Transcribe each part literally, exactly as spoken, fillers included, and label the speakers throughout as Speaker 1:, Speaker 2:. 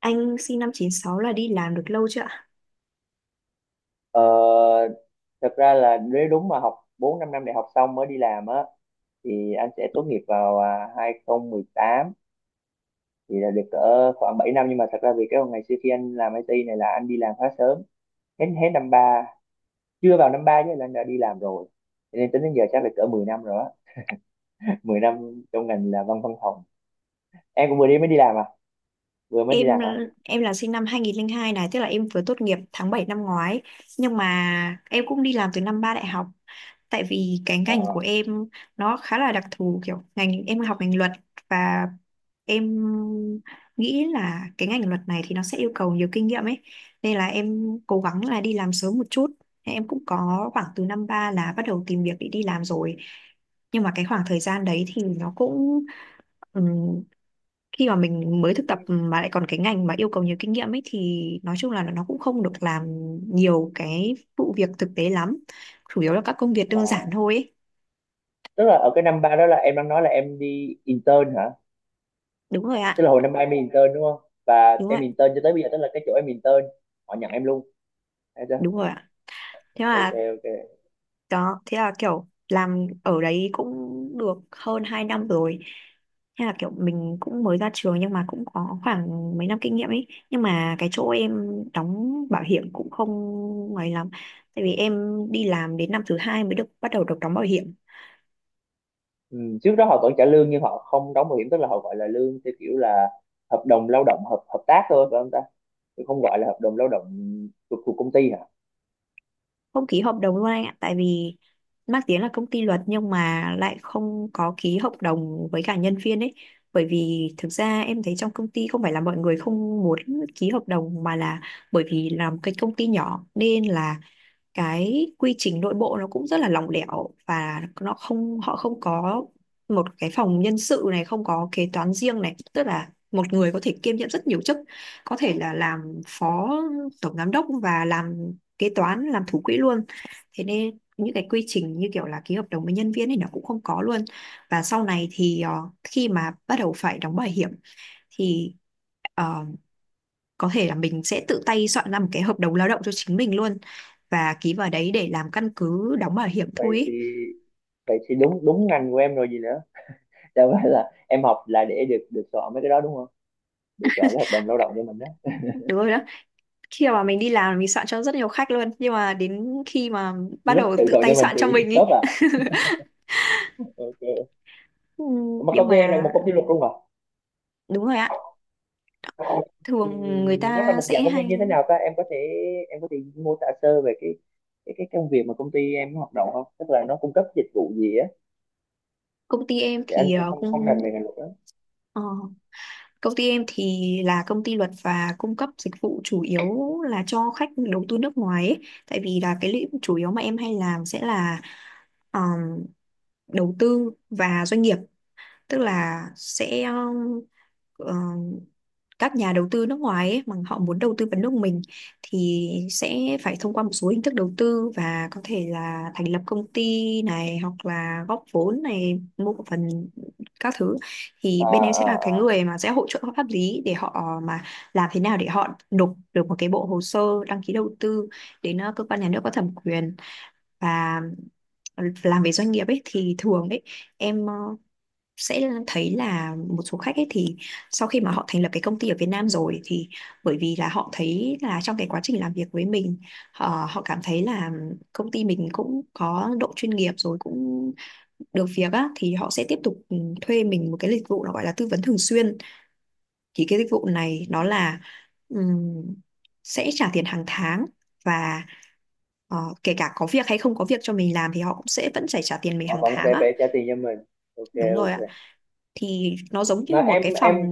Speaker 1: Anh sinh năm chín sáu là đi làm được lâu chưa ạ?
Speaker 2: Ờ, thật ra là nếu đúng mà học bốn 5 năm đại học xong mới đi làm á thì anh sẽ tốt nghiệp vào à, hai không một tám, thì là được cỡ khoảng bảy năm. Nhưng mà thật ra vì cái ngày xưa khi anh làm i tê này là anh đi làm khá sớm, hết hết năm ba, chưa vào năm ba chứ là anh đã đi làm rồi, cho nên tính đến giờ chắc là cỡ mười năm rồi á. Mười năm trong ngành là văn văn phòng. Em cũng vừa đi mới đi làm à? Vừa mới đi
Speaker 1: Em
Speaker 2: làm hả?
Speaker 1: em là sinh năm hai không không hai này, tức là em vừa tốt nghiệp tháng bảy năm ngoái. Nhưng mà em cũng đi làm từ năm ba đại học. Tại vì cái
Speaker 2: Ờ.
Speaker 1: ngành của em nó khá là đặc thù, kiểu ngành em học ngành luật và em nghĩ là cái ngành luật này thì nó sẽ yêu cầu nhiều kinh nghiệm ấy. Nên là em cố gắng là đi làm sớm một chút. Em cũng có khoảng từ năm ba là bắt đầu tìm việc để đi làm rồi. Nhưng mà cái khoảng thời gian đấy thì nó cũng khi mà mình mới thực tập mà lại còn cái ngành mà yêu cầu nhiều kinh nghiệm ấy thì nói chung là nó cũng không được làm nhiều cái vụ việc thực tế lắm, chủ yếu là các công việc
Speaker 2: Ờ,
Speaker 1: đơn giản thôi ấy.
Speaker 2: tức là ở cái năm ba đó là em đang nói là em đi intern hả?
Speaker 1: Đúng rồi
Speaker 2: Tức
Speaker 1: ạ.
Speaker 2: là hồi năm ba em đi intern đúng không, và
Speaker 1: Đúng rồi
Speaker 2: em
Speaker 1: ạ.
Speaker 2: intern cho tới bây giờ, tức là cái chỗ em intern họ nhận em luôn. Thấy
Speaker 1: Đúng
Speaker 2: chưa?
Speaker 1: rồi ạ. Thế
Speaker 2: Ok,
Speaker 1: mà
Speaker 2: ok.
Speaker 1: đó, thế là kiểu làm ở đấy cũng được hơn hai năm rồi. Thế là kiểu mình cũng mới ra trường nhưng mà cũng có khoảng mấy năm kinh nghiệm ấy, nhưng mà cái chỗ em đóng bảo hiểm cũng không ngoài lắm tại vì em đi làm đến năm thứ hai mới được bắt đầu được đóng bảo hiểm.
Speaker 2: Ừ, trước đó họ vẫn trả lương nhưng họ không đóng bảo hiểm, tức là họ gọi là lương theo kiểu là hợp đồng lao động, hợp hợp tác thôi phải không ta? Chứ không gọi là hợp đồng lao động thuộc thuộc công ty hả?
Speaker 1: Không ký hợp đồng luôn anh ạ, tại vì mang tiếng là công ty luật nhưng mà lại không có ký hợp đồng với cả nhân viên ấy. Bởi vì thực ra em thấy trong công ty không phải là mọi người không muốn ký hợp đồng, mà là bởi vì làm cái công ty nhỏ nên là cái quy trình nội bộ nó cũng rất là lỏng lẻo và nó không, họ không có một cái phòng nhân sự này, không có kế toán riêng này, tức là một người có thể kiêm nhiệm rất nhiều chức, có thể là làm phó tổng giám đốc và làm kế toán, làm thủ quỹ luôn. Thế nên những cái quy trình như kiểu là ký hợp đồng với nhân viên thì nó cũng không có luôn. Và sau này thì ờ, khi mà bắt đầu phải đóng bảo hiểm thì ờ, có thể là mình sẽ tự tay soạn ra một cái hợp đồng lao động cho chính mình luôn và ký vào đấy để làm căn cứ đóng bảo hiểm
Speaker 2: vậy
Speaker 1: thôi
Speaker 2: thì
Speaker 1: ý.
Speaker 2: vậy thì đúng đúng ngành của em rồi gì nữa, đâu phải là em học là để được được soạn mấy cái đó đúng không, để soạn cái hợp đồng lao động cho mình đó.
Speaker 1: Đúng rồi đó. Khi mà mình đi làm mình soạn cho rất nhiều khách luôn, nhưng mà đến khi mà bắt
Speaker 2: Lúc
Speaker 1: đầu
Speaker 2: tự
Speaker 1: tự
Speaker 2: soạn
Speaker 1: tay
Speaker 2: cho mình
Speaker 1: soạn cho
Speaker 2: thì
Speaker 1: mình ý.
Speaker 2: khớp à? Ok,
Speaker 1: Ừ.
Speaker 2: mà
Speaker 1: Nhưng
Speaker 2: công ty em là
Speaker 1: mà
Speaker 2: một công ty luật luôn hả?
Speaker 1: đúng rồi ạ.
Speaker 2: Ờ. Ừ,
Speaker 1: Thường người
Speaker 2: nó là
Speaker 1: ta
Speaker 2: một
Speaker 1: sẽ
Speaker 2: dạng công ty
Speaker 1: hay
Speaker 2: như thế nào ta, em có thể, em có thể mô tả sơ về cái, cái cái công việc mà công ty em hoạt động không, tức là nó cung cấp dịch vụ gì á?
Speaker 1: công ty em
Speaker 2: Thì anh
Speaker 1: thì
Speaker 2: cũng
Speaker 1: ờ,
Speaker 2: không không
Speaker 1: cũng
Speaker 2: rành về ngành luật đó.
Speaker 1: ờ, công ty em thì là công ty luật và cung cấp dịch vụ chủ yếu là cho khách đầu tư nước ngoài ấy. Tại vì là cái lĩnh chủ yếu mà em hay làm sẽ là đầu tư và doanh nghiệp, tức là sẽ ờ, các nhà đầu tư nước ngoài ấy, mà họ muốn đầu tư vào nước mình thì sẽ phải thông qua một số hình thức đầu tư và có thể là thành lập công ty này hoặc là góp vốn này, mua cổ phần các thứ thì
Speaker 2: À,
Speaker 1: bên em sẽ
Speaker 2: à,
Speaker 1: là cái
Speaker 2: à.
Speaker 1: người mà sẽ hỗ trợ pháp lý để họ mà làm thế nào để họ nộp được một cái bộ hồ sơ đăng ký đầu tư đến ờ, cơ quan nhà nước có thẩm quyền. Và làm về doanh nghiệp ấy thì thường ấy em ờ, sẽ thấy là một số khách ấy thì sau khi mà họ thành lập cái công ty ở Việt Nam rồi thì bởi vì là họ thấy là trong cái quá trình làm việc với mình họ, họ cảm thấy là công ty mình cũng có độ chuyên nghiệp rồi, cũng được việc á, thì họ sẽ tiếp tục, ừ, thuê mình một cái dịch vụ nó gọi là tư vấn thường xuyên. Thì cái dịch vụ này nó là ừm, sẽ trả tiền hàng tháng và ờ, kể cả có việc hay không có việc cho mình làm thì họ cũng sẽ vẫn phải trả tiền mình
Speaker 2: Họ
Speaker 1: hàng
Speaker 2: vẫn
Speaker 1: tháng
Speaker 2: sẽ
Speaker 1: á.
Speaker 2: phải trả tiền cho mình.
Speaker 1: Đúng
Speaker 2: Ok,
Speaker 1: rồi ạ.
Speaker 2: ok.
Speaker 1: Thì nó giống
Speaker 2: Mà
Speaker 1: như một
Speaker 2: em,
Speaker 1: cái
Speaker 2: em
Speaker 1: phòng.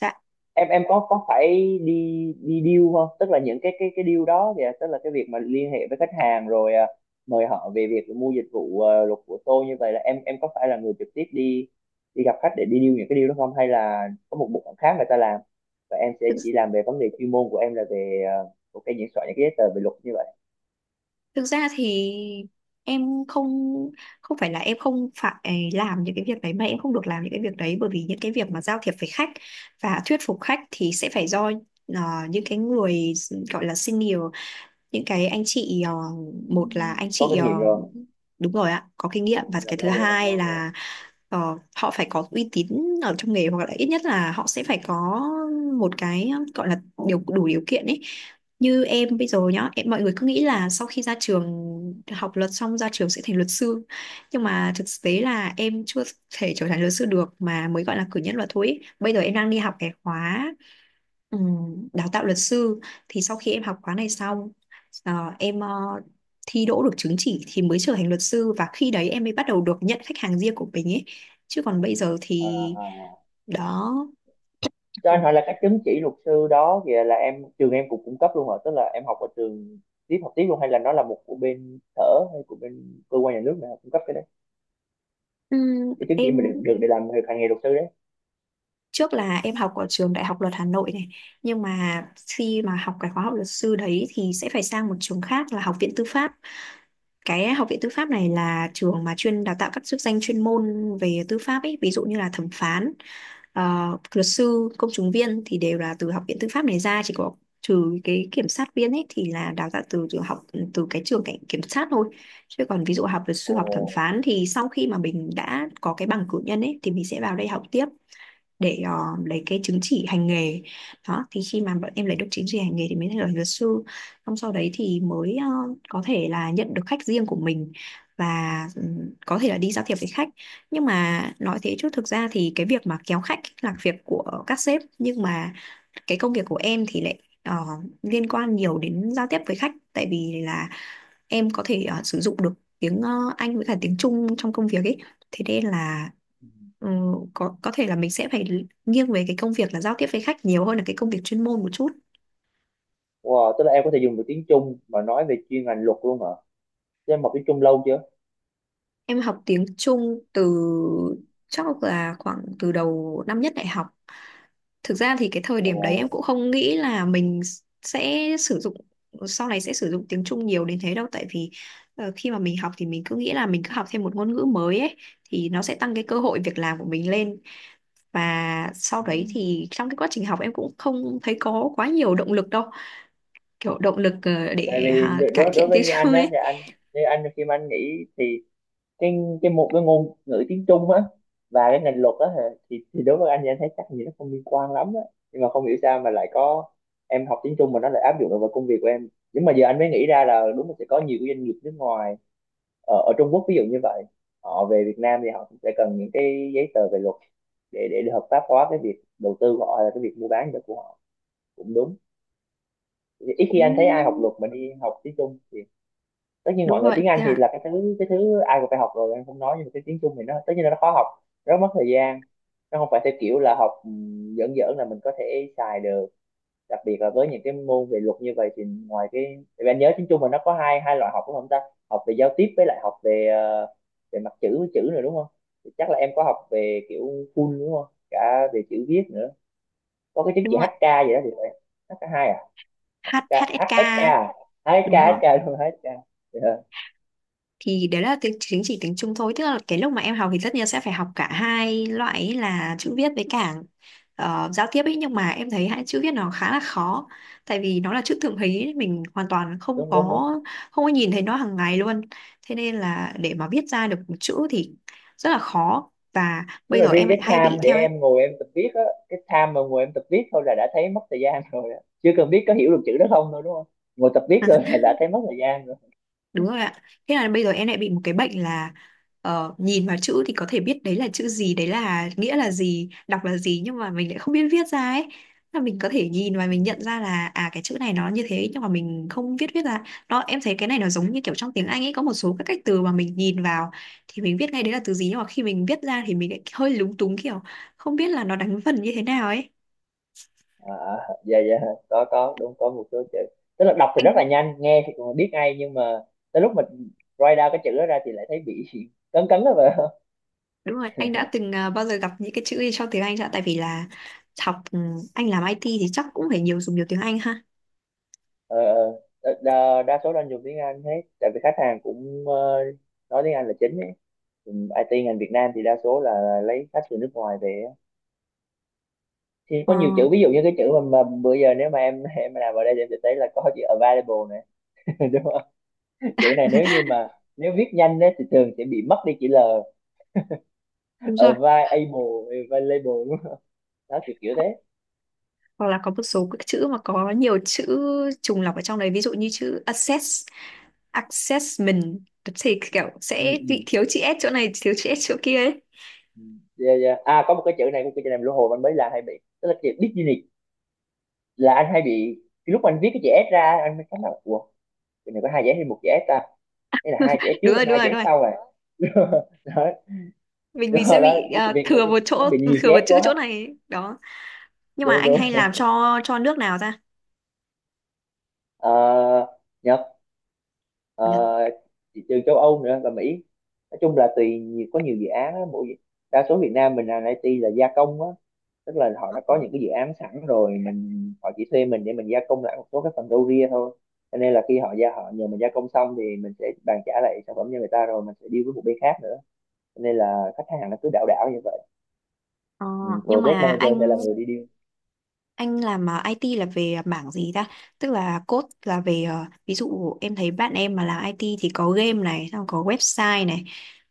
Speaker 1: Dạ.
Speaker 2: em em có có phải đi đi deal không, tức là những cái, cái cái deal đó kìa, tức là cái việc mà liên hệ với khách hàng rồi à, mời họ về việc mua dịch vụ à, luật của tôi, như vậy là em em có phải là người trực tiếp đi đi gặp khách để đi deal những cái deal đó không, hay là có một bộ phận khác người ta làm và em sẽ
Speaker 1: thực,
Speaker 2: chỉ làm về vấn đề chuyên môn của em là về à, ok, những soạn những cái giấy tờ về luật như vậy.
Speaker 1: thực ra thì em không, không phải là em không phải à, làm những cái việc đấy mà em không được làm những cái việc đấy, bởi vì những cái việc mà giao thiệp với khách và thuyết phục khách thì sẽ phải do ờ, những cái người gọi là senior, những cái anh chị ờ,
Speaker 2: Ừ,
Speaker 1: một là anh
Speaker 2: có
Speaker 1: chị
Speaker 2: kinh
Speaker 1: ờ,
Speaker 2: nghiệm rồi.
Speaker 1: đúng rồi ạ, có kinh nghiệm. Và cái
Speaker 2: Làm
Speaker 1: thứ
Speaker 2: lâu rồi, làm
Speaker 1: hai
Speaker 2: lâu rồi.
Speaker 1: là ờ, họ phải có uy tín ở trong nghề hoặc là ít nhất là họ sẽ phải có một cái gọi là điều đủ điều kiện ấy. Như em bây giờ nhá, em mọi người cứ nghĩ là sau khi ra trường học luật xong ra trường sẽ thành luật sư, nhưng mà thực tế là em chưa thể trở thành luật sư được mà mới gọi là cử nhân luật thôi ấy. Bây giờ em đang đi học cái khóa, ừ, đào tạo luật sư. Thì sau khi em học khóa này xong, ờ, em ờ, thi đỗ được chứng chỉ thì mới trở thành luật sư và khi đấy em mới bắt đầu được nhận khách hàng riêng của mình ấy, chứ còn bây giờ
Speaker 2: À,
Speaker 1: thì
Speaker 2: à.
Speaker 1: đó.
Speaker 2: Cho anh hỏi là cái chứng chỉ luật sư đó kìa, là em, trường em cũng cung cấp luôn hả, tức là em học ở trường tiếp, học tiếp luôn, hay là nó là một của bên sở hay của bên cơ quan nhà nước nào cung cấp cái đấy,
Speaker 1: Ừ,
Speaker 2: cái chứng chỉ
Speaker 1: em
Speaker 2: mà được được để làm việc hành nghề luật sư đấy?
Speaker 1: trước là em học ở trường Đại học Luật Hà Nội này, nhưng mà khi mà học cái khóa học luật sư đấy thì sẽ phải sang một trường khác là Học viện Tư pháp. Cái Học viện Tư pháp này là trường mà chuyên đào tạo các chức danh chuyên môn về tư pháp ấy, ví dụ như là thẩm phán, ờ, luật sư, công chứng viên thì đều là từ Học viện Tư pháp này ra, chỉ có trừ cái kiểm sát viên ấy thì là đào tạo từ từ học từ cái trường cảnh kiểm sát thôi. Chứ còn ví dụ học luật sư,
Speaker 2: Ồ.
Speaker 1: học thẩm phán thì sau khi mà mình đã có cái bằng cử nhân ấy thì mình sẽ vào đây học tiếp để ờ, lấy cái chứng chỉ hành nghề. Đó thì khi mà bọn em lấy được chứng chỉ hành nghề thì mới thành là luật sư, xong sau đấy thì mới ờ, có thể là nhận được khách riêng của mình và ừm, có thể là đi giao thiệp với khách. Nhưng mà nói thế chứ thực ra thì cái việc mà kéo khách là việc của các sếp, nhưng mà cái công việc của em thì lại ờ, liên quan nhiều đến giao tiếp với khách tại vì là em có thể ờ, sử dụng được tiếng ờ, Anh với cả tiếng Trung trong công việc ấy. Thế nên là,
Speaker 2: Ừ.
Speaker 1: ừ, có có thể là mình sẽ phải nghiêng về cái công việc là giao tiếp với khách nhiều hơn là cái công việc chuyên môn một chút.
Speaker 2: Wow, tức là em có thể dùng được tiếng Trung mà nói về chuyên ngành luật luôn hả? Thế em học tiếng Trung lâu chưa?
Speaker 1: Em học tiếng Trung từ chắc là khoảng từ đầu năm nhất đại học. Thực ra thì cái thời
Speaker 2: Ồ.
Speaker 1: điểm đấy em cũng không nghĩ là mình sẽ sử dụng, sau này sẽ sử dụng tiếng Trung nhiều đến thế đâu, tại vì ờ, khi mà mình học thì mình cứ nghĩ là mình cứ học thêm một ngôn ngữ mới ấy thì nó sẽ tăng cái cơ hội việc làm của mình lên. Và sau
Speaker 2: Ừ.
Speaker 1: đấy thì trong cái quá trình học em cũng không thấy có quá nhiều động lực đâu, kiểu động lực ờ,
Speaker 2: Tại
Speaker 1: để
Speaker 2: vì
Speaker 1: à,
Speaker 2: đ-
Speaker 1: cải
Speaker 2: đối đối
Speaker 1: thiện
Speaker 2: với,
Speaker 1: tiếng
Speaker 2: như
Speaker 1: Trung
Speaker 2: anh á
Speaker 1: ấy.
Speaker 2: thì anh, như anh khi mà anh nghĩ thì cái cái một cái ngôn ngữ tiếng Trung á và cái ngành luật á hả, thì thì đối với anh thì anh thấy chắc gì nó không liên quan lắm á, nhưng mà không hiểu sao mà lại có em học tiếng Trung mà nó lại áp dụng được vào công việc của em. Nhưng mà giờ anh mới nghĩ ra là đúng là sẽ có nhiều cái doanh nghiệp nước ngoài ở, ở Trung Quốc ví dụ như vậy, họ về Việt Nam thì họ cũng sẽ cần những cái giấy tờ về luật để để, để hợp pháp hóa cái việc đầu tư của họ, là cái việc mua bán của họ, cũng đúng. Ít khi anh thấy ai học
Speaker 1: Cũng
Speaker 2: luật mà đi học tiếng Trung. Tất nhiên
Speaker 1: đúng
Speaker 2: mọi người
Speaker 1: rồi,
Speaker 2: tiếng Anh
Speaker 1: thế
Speaker 2: thì
Speaker 1: là
Speaker 2: là cái thứ, cái thứ ai cũng phải học rồi, anh không nói, nhưng mà cái tiếng Trung thì nó tất nhiên là nó khó học, rất mất thời gian, nó không phải theo kiểu là học ừm, giỡn giỡn là mình có thể xài được, đặc biệt là với những cái môn về luật như vậy thì ngoài cái, tại vì anh nhớ tiếng Trung mà nó có hai hai loại học đúng không ta, học về giao tiếp với lại học về ờ, về mặt chữ, với chữ nữa đúng không. Thì chắc là em có học về kiểu full đúng không, cả về chữ viết nữa, có cái chứng
Speaker 1: đúng
Speaker 2: chỉ
Speaker 1: rồi.
Speaker 2: hát ca gì đó thì phải, hk hai à?
Speaker 1: H
Speaker 2: HK, HSK à?
Speaker 1: hát ét ca.
Speaker 2: ếch ét kây,
Speaker 1: Đúng rồi.
Speaker 2: ếch ét kây, đúng, ếch ét kây. Dạ.
Speaker 1: Thì đấy là tiếng chính, chỉ tiếng Trung thôi, tức là cái lúc mà em học thì tất nhiên sẽ phải học cả hai loại ấy là chữ viết với cả ờ, giao tiếp ấy. Nhưng mà em thấy hai chữ viết nó khá là khó, tại vì nó là chữ thượng hí ấy, mình hoàn toàn không
Speaker 2: Đúng, đúng, đúng.
Speaker 1: có không có nhìn thấy nó hàng ngày luôn. Thế nên là để mà viết ra được một chữ thì rất là khó, và
Speaker 2: Tức
Speaker 1: bây
Speaker 2: là
Speaker 1: giờ
Speaker 2: riêng
Speaker 1: em
Speaker 2: cái
Speaker 1: lại hay bị
Speaker 2: time để
Speaker 1: theo.
Speaker 2: em ngồi em tập viết á, cái time mà ngồi em tập viết thôi là đã thấy mất thời gian rồi á, chưa cần biết có hiểu được chữ đó không thôi đúng không, ngồi tập viết thôi là đã thấy mất thời gian rồi.
Speaker 1: Đúng rồi ạ. Thế là bây giờ em lại bị một cái bệnh là ờ, nhìn vào chữ thì có thể biết đấy là chữ gì, đấy là nghĩa là gì, đọc là gì nhưng mà mình lại không biết viết ra ấy. Là mình có thể nhìn và
Speaker 2: Ừ.
Speaker 1: mình nhận ra là à cái chữ này nó như thế, nhưng mà mình không viết viết ra. Đó em thấy cái này nó giống như kiểu trong tiếng Anh ấy, có một số các cách từ mà mình nhìn vào thì mình viết ngay đấy là từ gì, nhưng mà khi mình viết ra thì mình lại hơi lúng túng kiểu không biết là nó đánh vần như thế nào ấy.
Speaker 2: à, dạ, dạ, có có đúng, có một số chữ tức là đọc thì rất là
Speaker 1: Anh
Speaker 2: nhanh, nghe thì còn biết ngay nhưng mà tới lúc mình write down cái chữ đó ra thì lại thấy bị cấn cấn đó vậy.
Speaker 1: đúng rồi, anh đã từng à, bao giờ gặp những cái chữ gì trong tiếng Anh chưa ạ? Tại vì là học ừ, anh làm ai ti thì chắc cũng phải nhiều dùng nhiều tiếng Anh ha.
Speaker 2: Ờ, ờ. Đa, đa số đang dùng tiếng Anh hết tại vì khách hàng cũng ờ, nói tiếng Anh là chính ấy. Ừ, ai ti ngành Việt Nam thì đa số là lấy khách từ nước ngoài về ấy. Thì
Speaker 1: Ờ,
Speaker 2: có nhiều chữ ví dụ như cái chữ mà, mà bữa giờ nếu mà em em làm ở đây thì em sẽ thấy là có chữ available này, đúng không? Chữ này nếu như mà, nếu viết nhanh đấy thì thường sẽ bị mất đi chữ lờ,
Speaker 1: Đúng rồi.
Speaker 2: available, available đúng không? Đó kiểu kiểu thế.
Speaker 1: Hoặc là có một số các chữ mà có nhiều chữ trùng lặp ở trong đấy, ví dụ như chữ assess, assessment thì kiểu sẽ
Speaker 2: Ừ,
Speaker 1: bị
Speaker 2: ừ.
Speaker 1: thiếu chữ S chỗ này, thiếu chữ S chỗ kia ấy.
Speaker 2: Ừ. Yeah, yeah. À, có một cái chữ này, cái chữ này lũ hồi anh mới làm hay bị, tức là chữ Disney là anh hay bị, lúc mà anh viết cái chữ ét ra anh mới cảm là ủa chữ này có hai chữ ét hay một chữ ét ta, hay là hai chữ ét trước
Speaker 1: Đúng
Speaker 2: hay
Speaker 1: rồi, đúng
Speaker 2: hai
Speaker 1: rồi,
Speaker 2: chữ
Speaker 1: đúng
Speaker 2: ét
Speaker 1: rồi.
Speaker 2: sau à? Đó.
Speaker 1: Mình
Speaker 2: Đúng
Speaker 1: mình sẽ
Speaker 2: rồi đó,
Speaker 1: bị à,
Speaker 2: Disney
Speaker 1: thừa một
Speaker 2: nó
Speaker 1: chỗ,
Speaker 2: bị nhiều chữ
Speaker 1: thừa một
Speaker 2: ét
Speaker 1: chữ
Speaker 2: quá.
Speaker 1: chỗ này ấy. Đó. Nhưng mà
Speaker 2: Đúng,
Speaker 1: anh
Speaker 2: đúng.
Speaker 1: hay làm cho cho nước nào ta?
Speaker 2: Ờ, Nhật. Ờ,
Speaker 1: Nhật.
Speaker 2: thị trường châu Âu nữa và Mỹ, nói chung là tùy nhiều, có nhiều dự án á, mỗi, đa số Việt Nam mình làm i tê là gia công á, tức là họ
Speaker 1: Ờ,
Speaker 2: đã có những cái dự án sẵn rồi mình, họ chỉ thuê mình để mình gia công lại một số cái phần râu ria thôi, cho nên là khi họ gia họ nhờ mình gia công xong thì mình sẽ bàn trả lại sản phẩm cho người ta rồi mình sẽ deal với một bên khác nữa, cho nên là khách hàng nó cứ đảo đảo như vậy.
Speaker 1: Ờ,
Speaker 2: Ừ,
Speaker 1: nhưng
Speaker 2: project
Speaker 1: mà
Speaker 2: manager sẽ là
Speaker 1: anh
Speaker 2: người đi deal.
Speaker 1: Anh làm à, ai ti là về mảng gì ta? Tức là code là về ờ, ví dụ em thấy bạn em mà làm i tê thì có game này, xong có website này,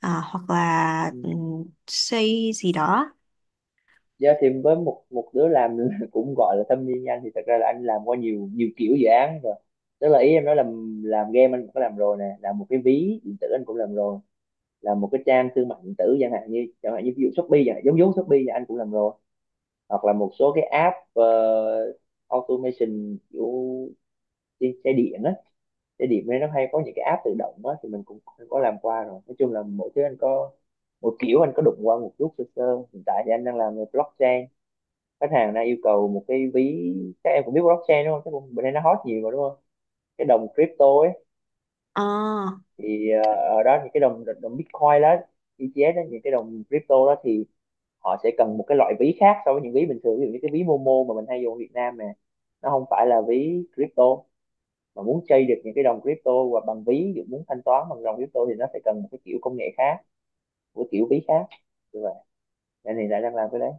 Speaker 1: à, hoặc là
Speaker 2: Ừ.
Speaker 1: ừm, xây gì đó.
Speaker 2: Dạ thì với một một đứa làm cũng gọi là thâm niên như anh thì thật ra là anh làm qua nhiều nhiều kiểu dự án rồi, tức là ý em nói là làm game anh cũng có làm rồi nè, làm một cái ví điện tử anh cũng làm rồi, làm một cái trang thương mại điện tử chẳng hạn, như chẳng hạn như ví dụ Shopee chẳng hạn, giống giống Shopee là anh cũng làm rồi, hoặc là một số cái app ờ, automation kiểu đi xe điện á, xe điện nên nó hay có những cái app tự động á thì mình cũng cũng có làm qua rồi, nói chung là mỗi thứ anh có một kiểu, anh có đụng qua một chút sơ sơ. Hiện tại thì anh đang làm về blockchain, khách hàng đang yêu cầu một cái ví, các em cũng biết blockchain đúng không, cái bữa nay nó hot nhiều mà đúng không, cái đồng crypto ấy,
Speaker 1: Ờ,
Speaker 2: thì ờ, ở đó những cái đồng, đồng Bitcoin đó, i ti ếch đó, những cái đồng crypto đó thì họ sẽ cần một cái loại ví khác so với những ví bình thường, ví dụ như cái ví Momo mà mình hay dùng ở Việt Nam nè, nó không phải là ví crypto, mà muốn chơi được những cái đồng crypto hoặc bằng ví, ví dụ muốn thanh toán bằng đồng crypto thì nó sẽ cần một cái kiểu công nghệ khác, một cái kiểu ví khác như vậy, nên thì lại đang làm cái đấy.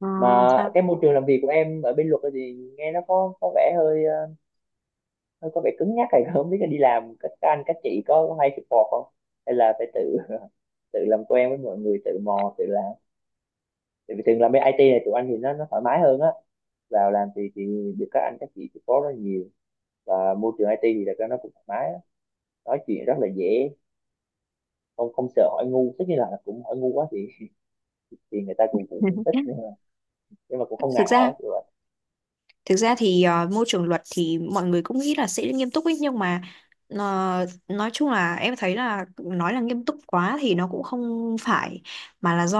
Speaker 1: ờ,
Speaker 2: Mà cái
Speaker 1: sao?
Speaker 2: môi trường làm việc của em ở bên luật thì nghe nó có có vẻ hơi ờ, nó có vẻ cứng nhắc này, không biết là đi làm các anh các chị có hay support không, hay là phải tự tự làm quen với mọi người, tự mò tự làm. Tại vì thường làm bên ai ti này tụi anh thì nó nó thoải mái hơn á, vào làm thì thì được các anh các chị support rất nhiều, và môi trường i tê thì là nó cũng thoải mái á. Nói chuyện rất là dễ, không không sợ hỏi ngu, tất nhiên là cũng hỏi ngu quá thì thì người ta cũng cũng không thích nhưng mà, nhưng mà cũng không
Speaker 1: Thực
Speaker 2: ngại
Speaker 1: ra
Speaker 2: hỏi kiểu vậy.
Speaker 1: Thực ra thì ờ, môi trường luật thì mọi người cũng nghĩ là sẽ nghiêm túc ấy, nhưng mà ờ, nói chung là em thấy là nói là nghiêm túc quá thì nó cũng không phải, mà là do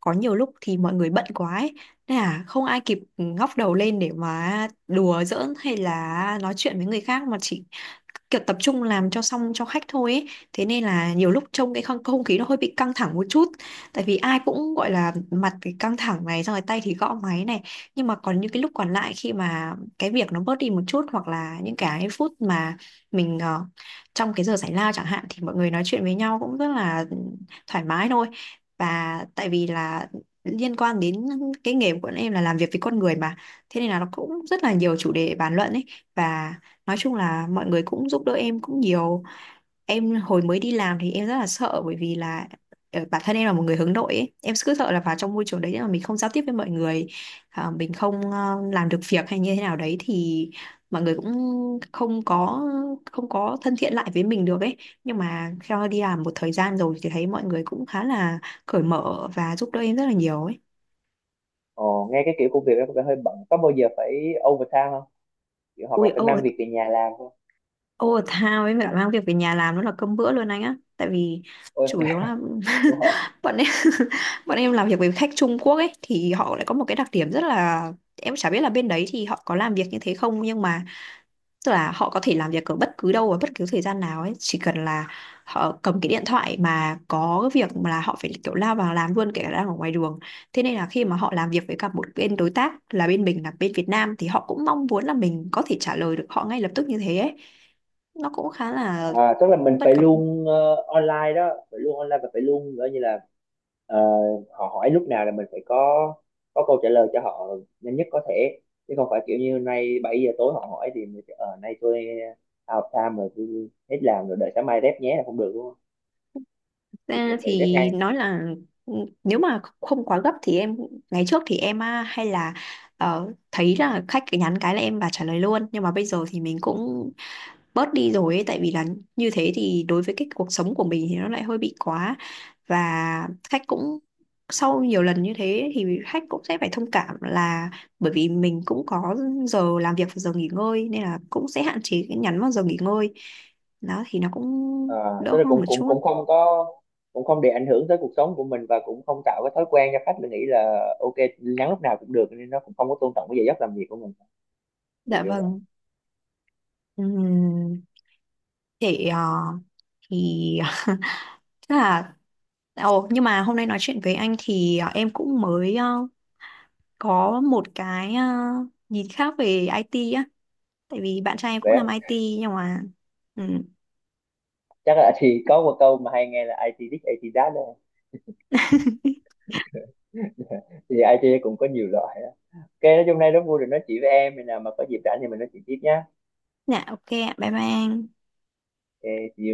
Speaker 1: có nhiều lúc thì mọi người bận quá ấy. Nên là không ai kịp ngóc đầu lên để mà đùa giỡn hay là nói chuyện với người khác mà chỉ kiểu tập trung làm cho xong cho khách thôi ấy. Thế nên là nhiều lúc trông cái không, không khí nó hơi bị căng thẳng một chút, tại vì ai cũng gọi là mặt cái căng thẳng này, xong rồi tay thì gõ máy này, nhưng mà còn những cái lúc còn lại, khi mà cái việc nó bớt đi một chút, hoặc là những cái phút mà mình ờ, trong cái giờ giải lao chẳng hạn, thì mọi người nói chuyện với nhau cũng rất là thoải mái thôi. Và tại vì là liên quan đến cái nghề của bọn em là làm việc với con người mà, thế nên là nó cũng rất là nhiều chủ đề bàn luận ấy. Và nói chung là mọi người cũng giúp đỡ em cũng nhiều. Em hồi mới đi làm thì em rất là sợ, bởi vì là ờ, bản thân em là một người hướng nội ấy. Em cứ sợ là vào trong môi trường đấy mà mình không giao tiếp với mọi người, à, mình không ờ, làm được việc hay như thế nào đấy, thì mọi người cũng không có không có thân thiện lại với mình được ấy. Nhưng mà theo đi làm một thời gian rồi thì thấy mọi người cũng khá là cởi mở và giúp đỡ em rất là nhiều ấy.
Speaker 2: Ồ, nghe cái kiểu công việc đó có vẻ hơi bận, có bao giờ phải overtime không, kiểu hoặc là
Speaker 1: Ui,
Speaker 2: phải mang
Speaker 1: over,
Speaker 2: việc về nhà làm không?
Speaker 1: overtime ấy, mà mang việc về nhà làm nó là cơm bữa luôn anh á. Tại vì
Speaker 2: Ôi,
Speaker 1: chủ yếu là
Speaker 2: wow.
Speaker 1: bọn em bọn em làm việc với khách Trung Quốc ấy, thì họ lại có một cái đặc điểm rất là, em chả biết là bên đấy thì họ có làm việc như thế không, nhưng mà tức là họ có thể làm việc ở bất cứ đâu và bất cứ thời gian nào ấy, chỉ cần là họ cầm cái điện thoại mà có cái việc mà là họ phải kiểu lao vào làm luôn, kể cả đang ở ngoài đường. Thế nên là khi mà họ làm việc với cả một bên đối tác là bên mình là bên Việt Nam, thì họ cũng mong muốn là mình có thể trả lời được họ ngay lập tức như thế ấy. Nó cũng khá là
Speaker 2: À, tức là mình
Speaker 1: bất
Speaker 2: phải
Speaker 1: cập.
Speaker 2: luôn ờ, online đó, phải luôn online và phải luôn gọi như là ờ, họ hỏi lúc nào là mình phải có có câu trả lời cho họ nhanh nhất có thể, chứ không phải kiểu như nay bảy giờ tối họ hỏi thì mình sẽ, ờ nay tôi out of time rồi, tôi hết làm rồi, đợi sáng mai rep nhé là không được đúng không, thì kiểu
Speaker 1: Ra
Speaker 2: phải rep
Speaker 1: thì
Speaker 2: ngay.
Speaker 1: nói là ừ, nếu mà không quá gấp thì em, ngày trước thì em à, hay là ờ, thấy là khách cứ nhắn cái là em và trả lời luôn, nhưng mà bây giờ thì mình cũng bớt đi rồi ấy, tại vì là như thế thì đối với cái cuộc sống của mình thì nó lại hơi bị quá. Và khách cũng, sau nhiều lần như thế thì khách cũng sẽ phải thông cảm là bởi vì mình cũng có giờ làm việc và giờ nghỉ ngơi, nên là cũng sẽ hạn chế cái nhắn vào giờ nghỉ ngơi. Đó thì nó cũng
Speaker 2: À,
Speaker 1: đỡ
Speaker 2: tức là
Speaker 1: hơn một
Speaker 2: cũng, cũng
Speaker 1: chút.
Speaker 2: cũng không có, cũng không để ảnh hưởng tới cuộc sống của mình và cũng không tạo cái thói quen cho khách là nghĩ là ok nhắn lúc nào cũng được nên nó cũng không có tôn trọng cái giờ giấc làm việc của mình, kiểu
Speaker 1: Dạ
Speaker 2: kiểu
Speaker 1: vâng. Ừm, để ờ, thì chắc là, ồ, nhưng mà hôm nay nói chuyện với anh thì à, em cũng mới ờ, có một cái ờ, nhìn khác về i tê á. Tại vì bạn trai em cũng làm
Speaker 2: vậy.
Speaker 1: i tê nhưng mà... Ừ.
Speaker 2: Chắc là thì có một câu mà hay nghe là ai ti this, ai ti that đó, thì ai ti cũng có nhiều loại đó. Ok, nói chung nay rất vui được nói chuyện với em, khi nào mà có dịp rảnh thì mình nói chuyện tiếp nhá.
Speaker 1: Dạ, ok ạ. Bye bye anh.
Speaker 2: Ok, see you.